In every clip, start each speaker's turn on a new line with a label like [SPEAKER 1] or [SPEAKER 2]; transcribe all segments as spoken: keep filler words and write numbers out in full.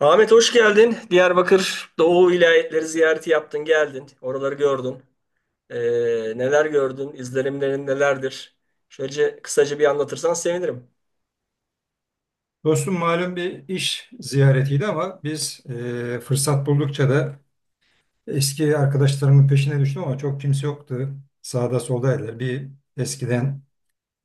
[SPEAKER 1] Ahmet hoş geldin. Diyarbakır Doğu vilayetleri ziyareti yaptın, geldin. Oraları gördün. Ee, neler gördün? İzlenimlerin nelerdir? Şöyle kısaca bir anlatırsan sevinirim.
[SPEAKER 2] Dostum malum bir iş ziyaretiydi ama biz e, fırsat buldukça da eski arkadaşlarımın peşine düştüm ama çok kimse yoktu. Sağda soldaydı. Bir eskiden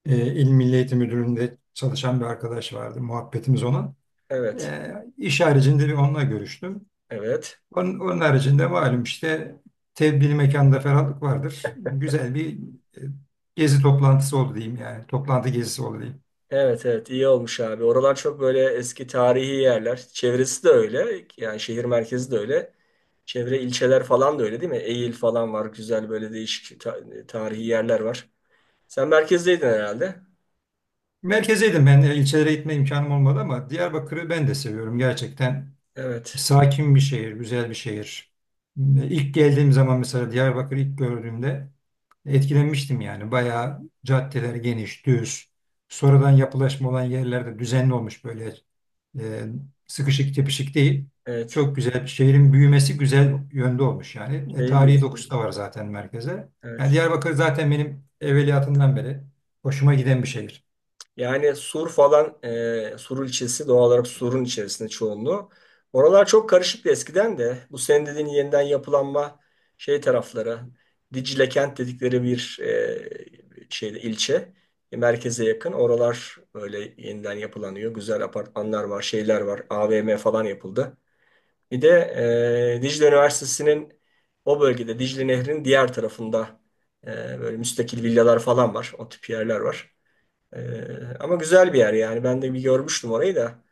[SPEAKER 2] e, İl Milli Eğitim Müdürlüğü'nde çalışan bir arkadaş vardı. Muhabbetimiz ona.
[SPEAKER 1] Evet,
[SPEAKER 2] E, iş haricinde bir onunla görüştüm.
[SPEAKER 1] evet.
[SPEAKER 2] Onun, onun haricinde malum işte tebdili mekanda ferahlık vardır. Güzel bir e, gezi toplantısı oldu diyeyim yani. Toplantı gezisi oldu diyeyim.
[SPEAKER 1] Evet, evet, iyi olmuş abi. Oralar çok böyle eski tarihi yerler. Çevresi de öyle. Yani şehir merkezi de öyle. Çevre ilçeler falan da öyle değil mi? Eğil falan var. Güzel böyle değişik ta- tarihi yerler var. Sen merkezdeydin herhalde.
[SPEAKER 2] Merkezeydim ben. e, ilçelere gitme imkanım olmadı ama Diyarbakır'ı ben de seviyorum gerçekten.
[SPEAKER 1] Evet,
[SPEAKER 2] Sakin bir şehir, güzel bir şehir. İlk geldiğim zaman mesela Diyarbakır'ı ilk gördüğümde etkilenmiştim yani. Bayağı caddeler geniş, düz. Sonradan yapılaşma olan yerlerde düzenli olmuş böyle e, sıkışık tepişik değil.
[SPEAKER 1] evet.
[SPEAKER 2] Çok güzel bir şehrin büyümesi güzel yönde olmuş yani. E,
[SPEAKER 1] Şey
[SPEAKER 2] tarihi dokusu
[SPEAKER 1] diyorsun.
[SPEAKER 2] da var zaten merkeze. Yani
[SPEAKER 1] Evet.
[SPEAKER 2] Diyarbakır zaten benim evveliyatından beri hoşuma giden bir şehir.
[SPEAKER 1] Yani Sur falan, e, Sur ilçesi doğal olarak Sur'un içerisinde çoğunluğu. Oralar çok karışıktı eskiden de. Bu senin dediğin yeniden yapılanma şey tarafları, Dicle kent dedikleri bir e, şeyde ilçe, e, merkeze yakın. Oralar böyle yeniden yapılanıyor. Güzel apartmanlar var, şeyler var. A V M falan yapıldı. Bir de e, Dicle Üniversitesi'nin o bölgede Dicle Nehri'nin diğer tarafında e, böyle müstakil villalar falan var. O tip yerler var. Ee, ama güzel bir yer yani. Ben de bir görmüştüm orayı da.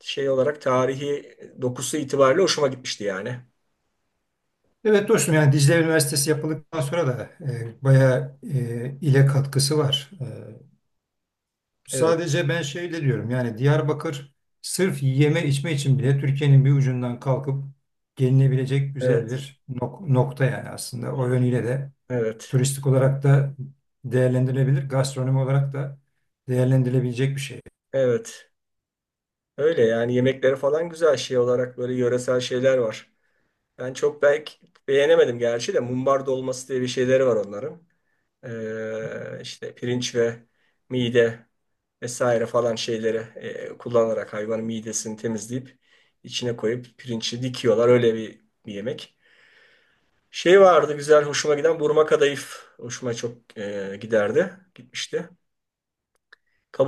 [SPEAKER 1] Şey olarak tarihi dokusu itibariyle hoşuma gitmişti yani.
[SPEAKER 2] Evet dostum yani Dicle Üniversitesi yapıldıktan sonra da e, bayağı e, ile katkısı var. E,
[SPEAKER 1] Evet,
[SPEAKER 2] sadece ben şeyle diyorum yani Diyarbakır sırf yeme içme için bile Türkiye'nin bir ucundan kalkıp gelinebilecek güzel
[SPEAKER 1] evet,
[SPEAKER 2] bir nok- nokta yani aslında. O yönüyle de
[SPEAKER 1] evet,
[SPEAKER 2] turistik olarak da değerlendirilebilir, gastronomi olarak da değerlendirilebilecek bir şey.
[SPEAKER 1] evet. Öyle yani yemekleri falan güzel şey olarak böyle yöresel şeyler var. Ben çok belki beğenemedim gerçi de mumbar dolması diye bir şeyleri var onların. Ee, işte pirinç ve mide vesaire falan şeyleri e, kullanarak hayvanın midesini temizleyip içine koyup pirinci dikiyorlar. Öyle bir, bir yemek. Şey vardı güzel hoşuma giden burma kadayıf. Hoşuma çok e, giderdi. Gitmişti.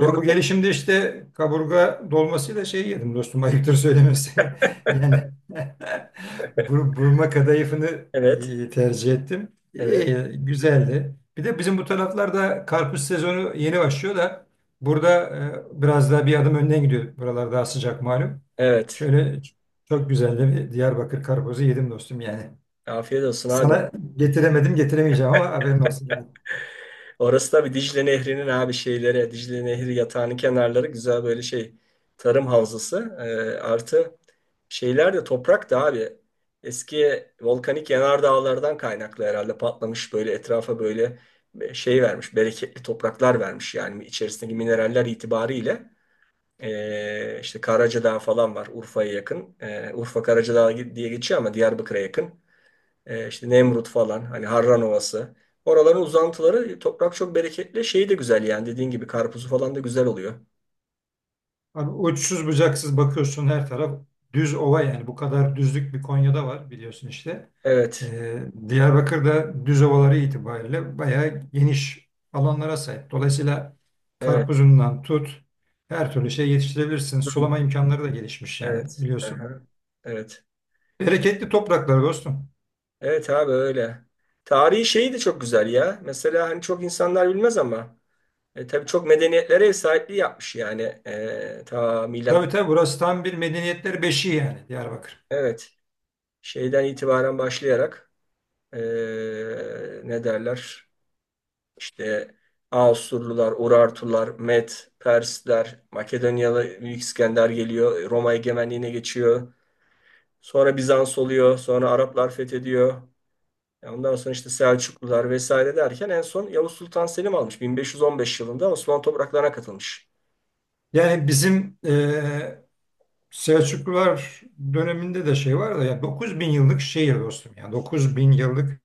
[SPEAKER 2] Ben bu gelişimde işte kaburga dolmasıyla şey yedim dostum ayıptır söylemesi. Yani bur- burma kadayıfını
[SPEAKER 1] Evet.
[SPEAKER 2] e, tercih ettim.
[SPEAKER 1] Evet.
[SPEAKER 2] İyi, güzeldi. Bir de bizim bu taraflarda karpuz sezonu yeni başlıyor da burada e, biraz daha bir adım önden gidiyor. Buralar daha sıcak malum.
[SPEAKER 1] Evet.
[SPEAKER 2] Şöyle çok güzel de bir Diyarbakır karpuzu yedim dostum yani.
[SPEAKER 1] Afiyet olsun abi.
[SPEAKER 2] Sana getiremedim getiremeyeceğim ama haberin olsun, yani.
[SPEAKER 1] Orası da bir Dicle Nehri'nin abi şeyleri. Dicle Nehri yatağının kenarları güzel böyle şey. Tarım havzası. E, artı şeyler de toprak da abi. Eski volkanik yanardağlardan kaynaklı herhalde patlamış böyle etrafa böyle e, şey vermiş. Bereketli topraklar vermiş yani içerisindeki mineraller itibariyle. Ee, işte Karacadağ falan var Urfa'ya yakın. Ee, Urfa Karacadağ diye geçiyor ama Diyarbakır'a yakın. Ee, işte Nemrut falan hani Harran Ovası. Oraların uzantıları toprak çok bereketli. Şeyi de güzel yani dediğin gibi karpuzu falan da güzel oluyor.
[SPEAKER 2] Abi uçsuz bucaksız bakıyorsun her taraf düz ova yani bu kadar düzlük bir Konya'da var biliyorsun işte.
[SPEAKER 1] Evet.
[SPEAKER 2] Ee, Diyarbakır'da düz ovaları itibariyle bayağı geniş alanlara sahip. Dolayısıyla
[SPEAKER 1] Evet.
[SPEAKER 2] karpuzundan tut her türlü şey yetiştirebilirsin.
[SPEAKER 1] Hı.
[SPEAKER 2] Sulama imkanları da gelişmiş yani
[SPEAKER 1] Evet.
[SPEAKER 2] biliyorsun.
[SPEAKER 1] Aha. Evet.
[SPEAKER 2] Bereketli topraklar dostum.
[SPEAKER 1] Evet abi öyle. Tarihi şeyi de çok güzel ya. Mesela hani çok insanlar bilmez ama e, tabii çok medeniyetlere ev sahipliği yapmış yani. E, ta milat
[SPEAKER 2] Tabii tabii burası tam bir medeniyetler beşiği yani Diyarbakır.
[SPEAKER 1] evet şeyden itibaren başlayarak e, ne derler? İşte Asurlular, Urartular, Med, Persler, Makedonyalı Büyük İskender geliyor, Roma egemenliğine geçiyor. Sonra Bizans oluyor, sonra Araplar fethediyor. Ya ondan sonra işte Selçuklular vesaire derken en son Yavuz Sultan Selim almış. bin beş yüz on beş yılında Osmanlı topraklarına katılmış.
[SPEAKER 2] Yani bizim e, Selçuklular döneminde de şey var da ya dokuz bin yıllık şehir dostum ya dokuz bin yıllık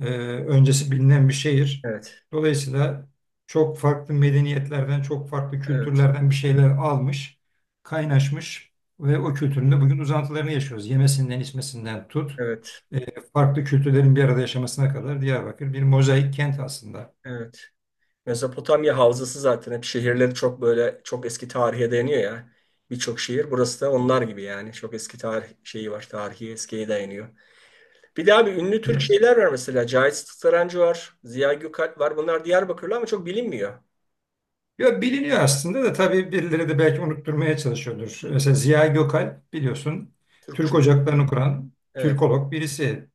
[SPEAKER 2] e, öncesi bilinen bir şehir.
[SPEAKER 1] Evet,
[SPEAKER 2] Dolayısıyla çok farklı medeniyetlerden, çok farklı
[SPEAKER 1] evet,
[SPEAKER 2] kültürlerden bir şeyler almış, kaynaşmış ve o kültürün de bugün uzantılarını yaşıyoruz. Yemesinden, içmesinden tut,
[SPEAKER 1] evet,
[SPEAKER 2] e, farklı kültürlerin bir arada yaşamasına kadar Diyarbakır bir mozaik kent aslında.
[SPEAKER 1] evet. Mezopotamya havzası zaten hep şehirleri çok böyle çok eski tarihe dayanıyor ya. Birçok şehir burası da onlar gibi yani. Çok eski tarih şeyi var. Tarihi eskiye dayanıyor. Bir de abi ünlü Türk şeyler var mesela. Cahit Sarancı var. Ziya Gökalp var. Bunlar Diyarbakırlı ama çok bilinmiyor.
[SPEAKER 2] Ya biliniyor aslında da tabii birileri de belki unutturmaya çalışıyordur. Mesela Ziya Gökalp biliyorsun Türk
[SPEAKER 1] Türkçülük.
[SPEAKER 2] ocaklarını kuran
[SPEAKER 1] Evet.
[SPEAKER 2] Türkolog birisi.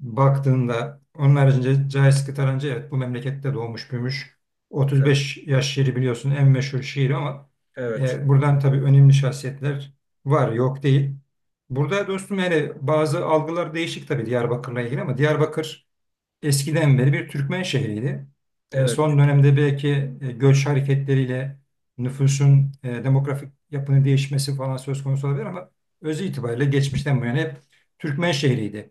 [SPEAKER 2] Baktığında onun haricinde Cahit Sıtkı Tarancı, evet, bu memlekette doğmuş büyümüş.
[SPEAKER 1] Evet.
[SPEAKER 2] otuz beş yaş şiiri biliyorsun en meşhur şiir ama
[SPEAKER 1] Evet.
[SPEAKER 2] e, buradan tabii önemli şahsiyetler var yok değil. Burada dostum yani bazı algılar değişik tabii Diyarbakır'la ilgili ama Diyarbakır eskiden beri bir Türkmen şehriydi. E,
[SPEAKER 1] Evet.
[SPEAKER 2] son dönemde belki e, göç hareketleriyle nüfusun e, demografik yapının değişmesi falan söz konusu olabilir ama özü itibariyle geçmişten bu yana hep Türkmen şehriydi.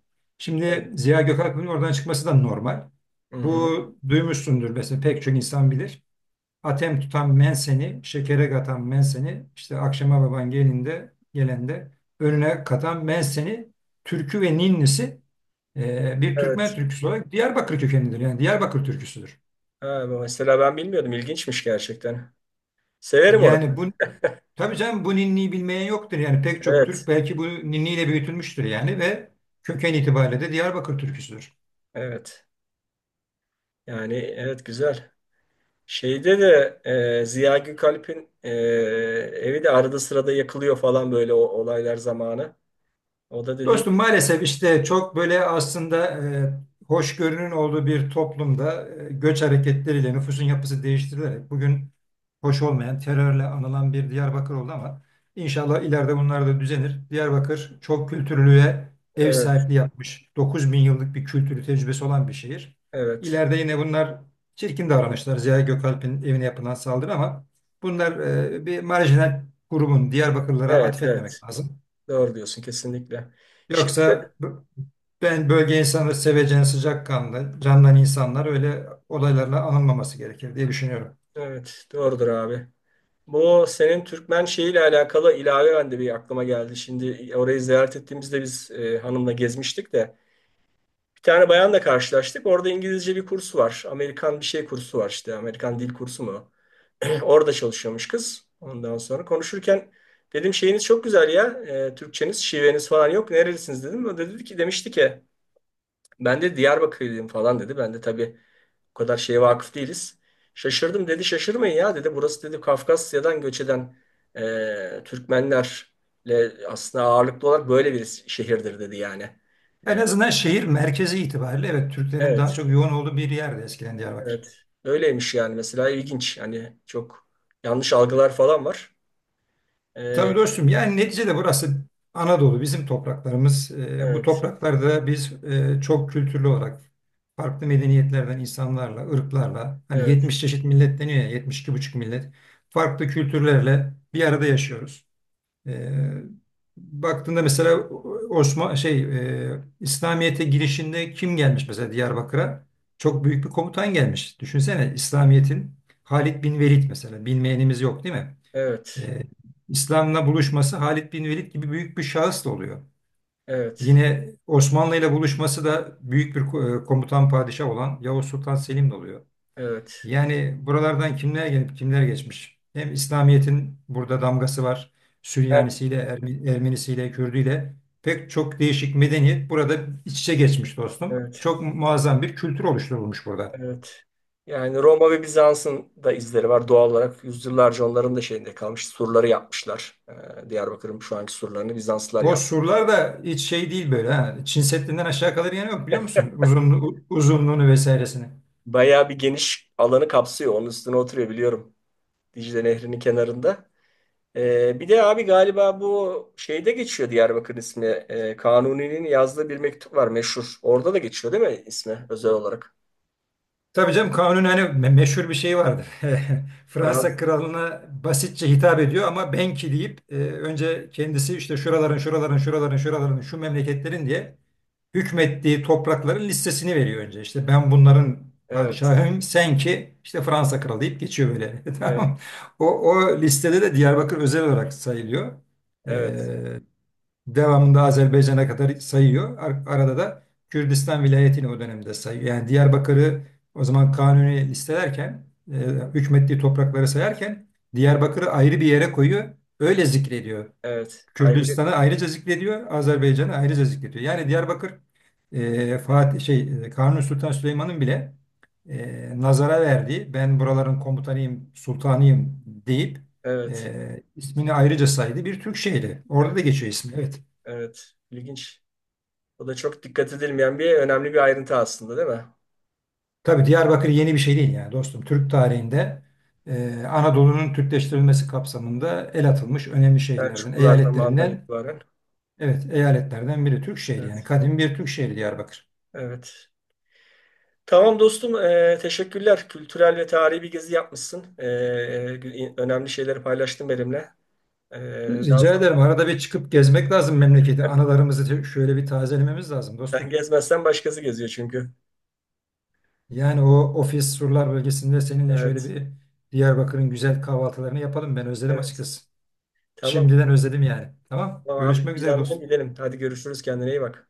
[SPEAKER 1] Evet.
[SPEAKER 2] Şimdi Ziya Gökalp'in oradan çıkması da normal.
[SPEAKER 1] Hı
[SPEAKER 2] Bu
[SPEAKER 1] hı.
[SPEAKER 2] duymuşsundur mesela, pek çok insan bilir. Atem tutan menseni, şekere katan menseni, işte akşama baban gelinde gelende önüne katan menseni, türkü ve ninnisi e, bir Türkmen
[SPEAKER 1] Evet.
[SPEAKER 2] türküsü olarak Diyarbakır kökenlidir. Yani Diyarbakır türküsüdür.
[SPEAKER 1] Ha, bu mesela ben bilmiyordum. İlginçmiş gerçekten. Severim
[SPEAKER 2] Yani
[SPEAKER 1] orayı.
[SPEAKER 2] bu tabii canım, bu ninniyi bilmeyen yoktur. Yani pek çok Türk
[SPEAKER 1] Evet.
[SPEAKER 2] belki bu ninniyle büyütülmüştür yani, ve köken itibariyle de Diyarbakır türküsüdür.
[SPEAKER 1] Evet. Yani evet güzel. Şeyde de e, Ziya Gökalp'in e, evi de arada sırada yakılıyor falan böyle o olaylar zamanı. O da dediğin
[SPEAKER 2] Dostum maalesef işte çok böyle aslında e, hoşgörünün olduğu bir toplumda e, göç hareketleriyle nüfusun yapısı değiştirilerek bugün hoş olmayan terörle anılan bir Diyarbakır oldu ama inşallah ileride bunlar da düzenir. Diyarbakır çok kültürlüğe ev
[SPEAKER 1] evet,
[SPEAKER 2] sahipliği yapmış. 9 bin yıllık bir kültürü tecrübesi olan bir şehir.
[SPEAKER 1] evet.
[SPEAKER 2] İleride yine bunlar çirkin davranışlar. Ziya Gökalp'in evine yapılan saldırı ama bunlar e, bir marjinal grubun Diyarbakırlara
[SPEAKER 1] Evet, evet.
[SPEAKER 2] atfetmemek lazım.
[SPEAKER 1] Doğru diyorsun kesinlikle. Şey,
[SPEAKER 2] Yoksa ben bölge insanları sevecen, sıcakkanlı, candan insanlar, öyle olaylarla anılmaması gerekir diye düşünüyorum.
[SPEAKER 1] evet, doğrudur abi. Bu senin Türkmen şeyiyle alakalı ilave ben de bir aklıma geldi. Şimdi orayı ziyaret ettiğimizde biz e, hanımla gezmiştik de bir tane bayanla karşılaştık. Orada İngilizce bir kursu var. Amerikan bir şey kursu var işte. Amerikan dil kursu mu? Orada çalışıyormuş kız. Ondan sonra konuşurken dedim şeyiniz çok güzel ya. e, Türkçeniz, şiveniz falan yok. Nerelisiniz dedim. O da dedi ki demişti ki ben de Diyarbakırlıyım falan dedi. Ben de tabii o kadar şeye vakıf değiliz. Şaşırdım dedi. Şaşırmayın ya dedi. Burası dedi Kafkasya'dan göç eden e, Türkmenlerle aslında ağırlıklı olarak böyle bir şehirdir dedi yani.
[SPEAKER 2] En azından şehir merkezi itibariyle evet Türklerin daha
[SPEAKER 1] Evet,
[SPEAKER 2] çok yoğun olduğu bir yerdi eskiden Diyarbakır.
[SPEAKER 1] evet. Öyleymiş yani mesela ilginç. Hani çok yanlış algılar falan var. E,
[SPEAKER 2] Tabii dostum yani neticede burası Anadolu, bizim topraklarımız. Ee, bu
[SPEAKER 1] evet,
[SPEAKER 2] topraklarda biz e, çok kültürlü olarak farklı medeniyetlerden insanlarla, ırklarla hani
[SPEAKER 1] evet,
[SPEAKER 2] yetmiş çeşit millet deniyor ya, yetmiş iki buçuk millet farklı kültürlerle bir arada yaşıyoruz. Ee, baktığında mesela Osman şey e, İslamiyet'e girişinde kim gelmiş mesela Diyarbakır'a? Çok büyük bir komutan gelmiş. Düşünsene İslamiyet'in Halid bin Velid mesela, bilmeyenimiz yok değil mi?
[SPEAKER 1] evet.
[SPEAKER 2] Ee, İslam'la buluşması Halid bin Velid gibi büyük bir şahıs da oluyor.
[SPEAKER 1] Evet,
[SPEAKER 2] Yine Osmanlı ile buluşması da büyük bir ko- e, komutan padişah olan Yavuz Sultan Selim'le oluyor.
[SPEAKER 1] evet,
[SPEAKER 2] Yani buralardan kimler gelip kimler geçmiş? Hem İslamiyet'in burada damgası var.
[SPEAKER 1] yani
[SPEAKER 2] Süryanisiyle, Ermi- Ermenisiyle, Kürdüyle pek çok değişik medeniyet burada iç içe geçmiş dostum.
[SPEAKER 1] evet,
[SPEAKER 2] Çok muazzam bir kültür oluşturulmuş burada.
[SPEAKER 1] evet. Yani Roma ve Bizans'ın da izleri var doğal olarak. Yüzyıllarca onların da şeyinde kalmış. Surları yapmışlar. Ee, Diyarbakır'ın şu anki surlarını Bizanslılar
[SPEAKER 2] O
[SPEAKER 1] yapmış.
[SPEAKER 2] surlar da hiç şey değil böyle ha. Çin Seddi'nden aşağı kalır yanı yok, biliyor musun? Uzunluğu, uzunluğunu vesairesini.
[SPEAKER 1] Bayağı bir geniş alanı kapsıyor. Onun üstüne oturuyor biliyorum. Dicle Nehri'nin kenarında. Ee, bir de abi galiba bu şeyde geçiyor Diyarbakır ismi. Ee, Kanuni'nin yazdığı bir mektup var meşhur. Orada da geçiyor değil mi ismi özel olarak?
[SPEAKER 2] Tabii canım, kanun hani me- meşhur bir şey vardır. Fransa
[SPEAKER 1] Fransız.
[SPEAKER 2] kralına basitçe hitap ediyor ama "Benki" deyip e, önce kendisi işte şuraların şuraların şuraların şuraların şu memleketlerin diye hükmettiği toprakların listesini veriyor önce. İşte ben bunların
[SPEAKER 1] Evet,
[SPEAKER 2] padişahıyım, sen ki işte Fransa kralı deyip geçiyor böyle.
[SPEAKER 1] evet,
[SPEAKER 2] Tamam. O, o listede de Diyarbakır özel olarak sayılıyor.
[SPEAKER 1] evet,
[SPEAKER 2] E, devamında Azerbaycan'a kadar sayıyor. Ar- Arada da Kürdistan vilayetini o dönemde sayıyor. Yani Diyarbakır'ı o zaman Kanuni listelerken, e, hükmettiği toprakları sayarken Diyarbakır'ı ayrı bir yere koyuyor. Öyle zikrediyor.
[SPEAKER 1] evet. Ayrı bir,
[SPEAKER 2] Kürdistan'ı ayrıca zikrediyor, Azerbaycan'ı ayrıca zikrediyor. Yani Diyarbakır, e, Fatih şey e, Kanuni Sultan Süleyman'ın bile e, nazara verdiği, ben buraların komutanıyım, sultanıyım deyip
[SPEAKER 1] evet.
[SPEAKER 2] e, ismini ayrıca saydı bir Türk şehri. Orada da
[SPEAKER 1] Evet.
[SPEAKER 2] geçiyor ismi. Evet.
[SPEAKER 1] Evet, ilginç. O da çok dikkat edilmeyen bir önemli bir ayrıntı aslında değil mi?
[SPEAKER 2] Tabii Diyarbakır yeni bir şey değil yani dostum. Türk tarihinde e, Anadolu'nun Türkleştirilmesi kapsamında el atılmış önemli şehirlerden,
[SPEAKER 1] Selçuklular zamanından
[SPEAKER 2] eyaletlerinden,
[SPEAKER 1] itibaren.
[SPEAKER 2] evet eyaletlerden biri, Türk şehri yani,
[SPEAKER 1] Evet,
[SPEAKER 2] kadim bir Türk şehri Diyarbakır.
[SPEAKER 1] evet. Tamam dostum, e, teşekkürler. Kültürel ve tarihi bir gezi yapmışsın. E, e, önemli şeyleri paylaştın benimle. E, daha
[SPEAKER 2] Rica
[SPEAKER 1] sonra
[SPEAKER 2] ederim, arada bir çıkıp gezmek lazım memleketi. Anılarımızı te- şöyle bir tazelememiz lazım
[SPEAKER 1] sen
[SPEAKER 2] dostum.
[SPEAKER 1] gezmezsen başkası geziyor çünkü.
[SPEAKER 2] Yani o ofis surlar bölgesinde seninle şöyle
[SPEAKER 1] Evet,
[SPEAKER 2] bir Diyarbakır'ın güzel kahvaltılarını yapalım. Ben özledim
[SPEAKER 1] evet.
[SPEAKER 2] açıkçası.
[SPEAKER 1] Tamam.
[SPEAKER 2] Şimdiden özledim yani. Tamam.
[SPEAKER 1] Tamam abi,
[SPEAKER 2] Görüşmek üzere
[SPEAKER 1] planlayalım
[SPEAKER 2] dostum.
[SPEAKER 1] gidelim. Hadi görüşürüz, kendine iyi bak.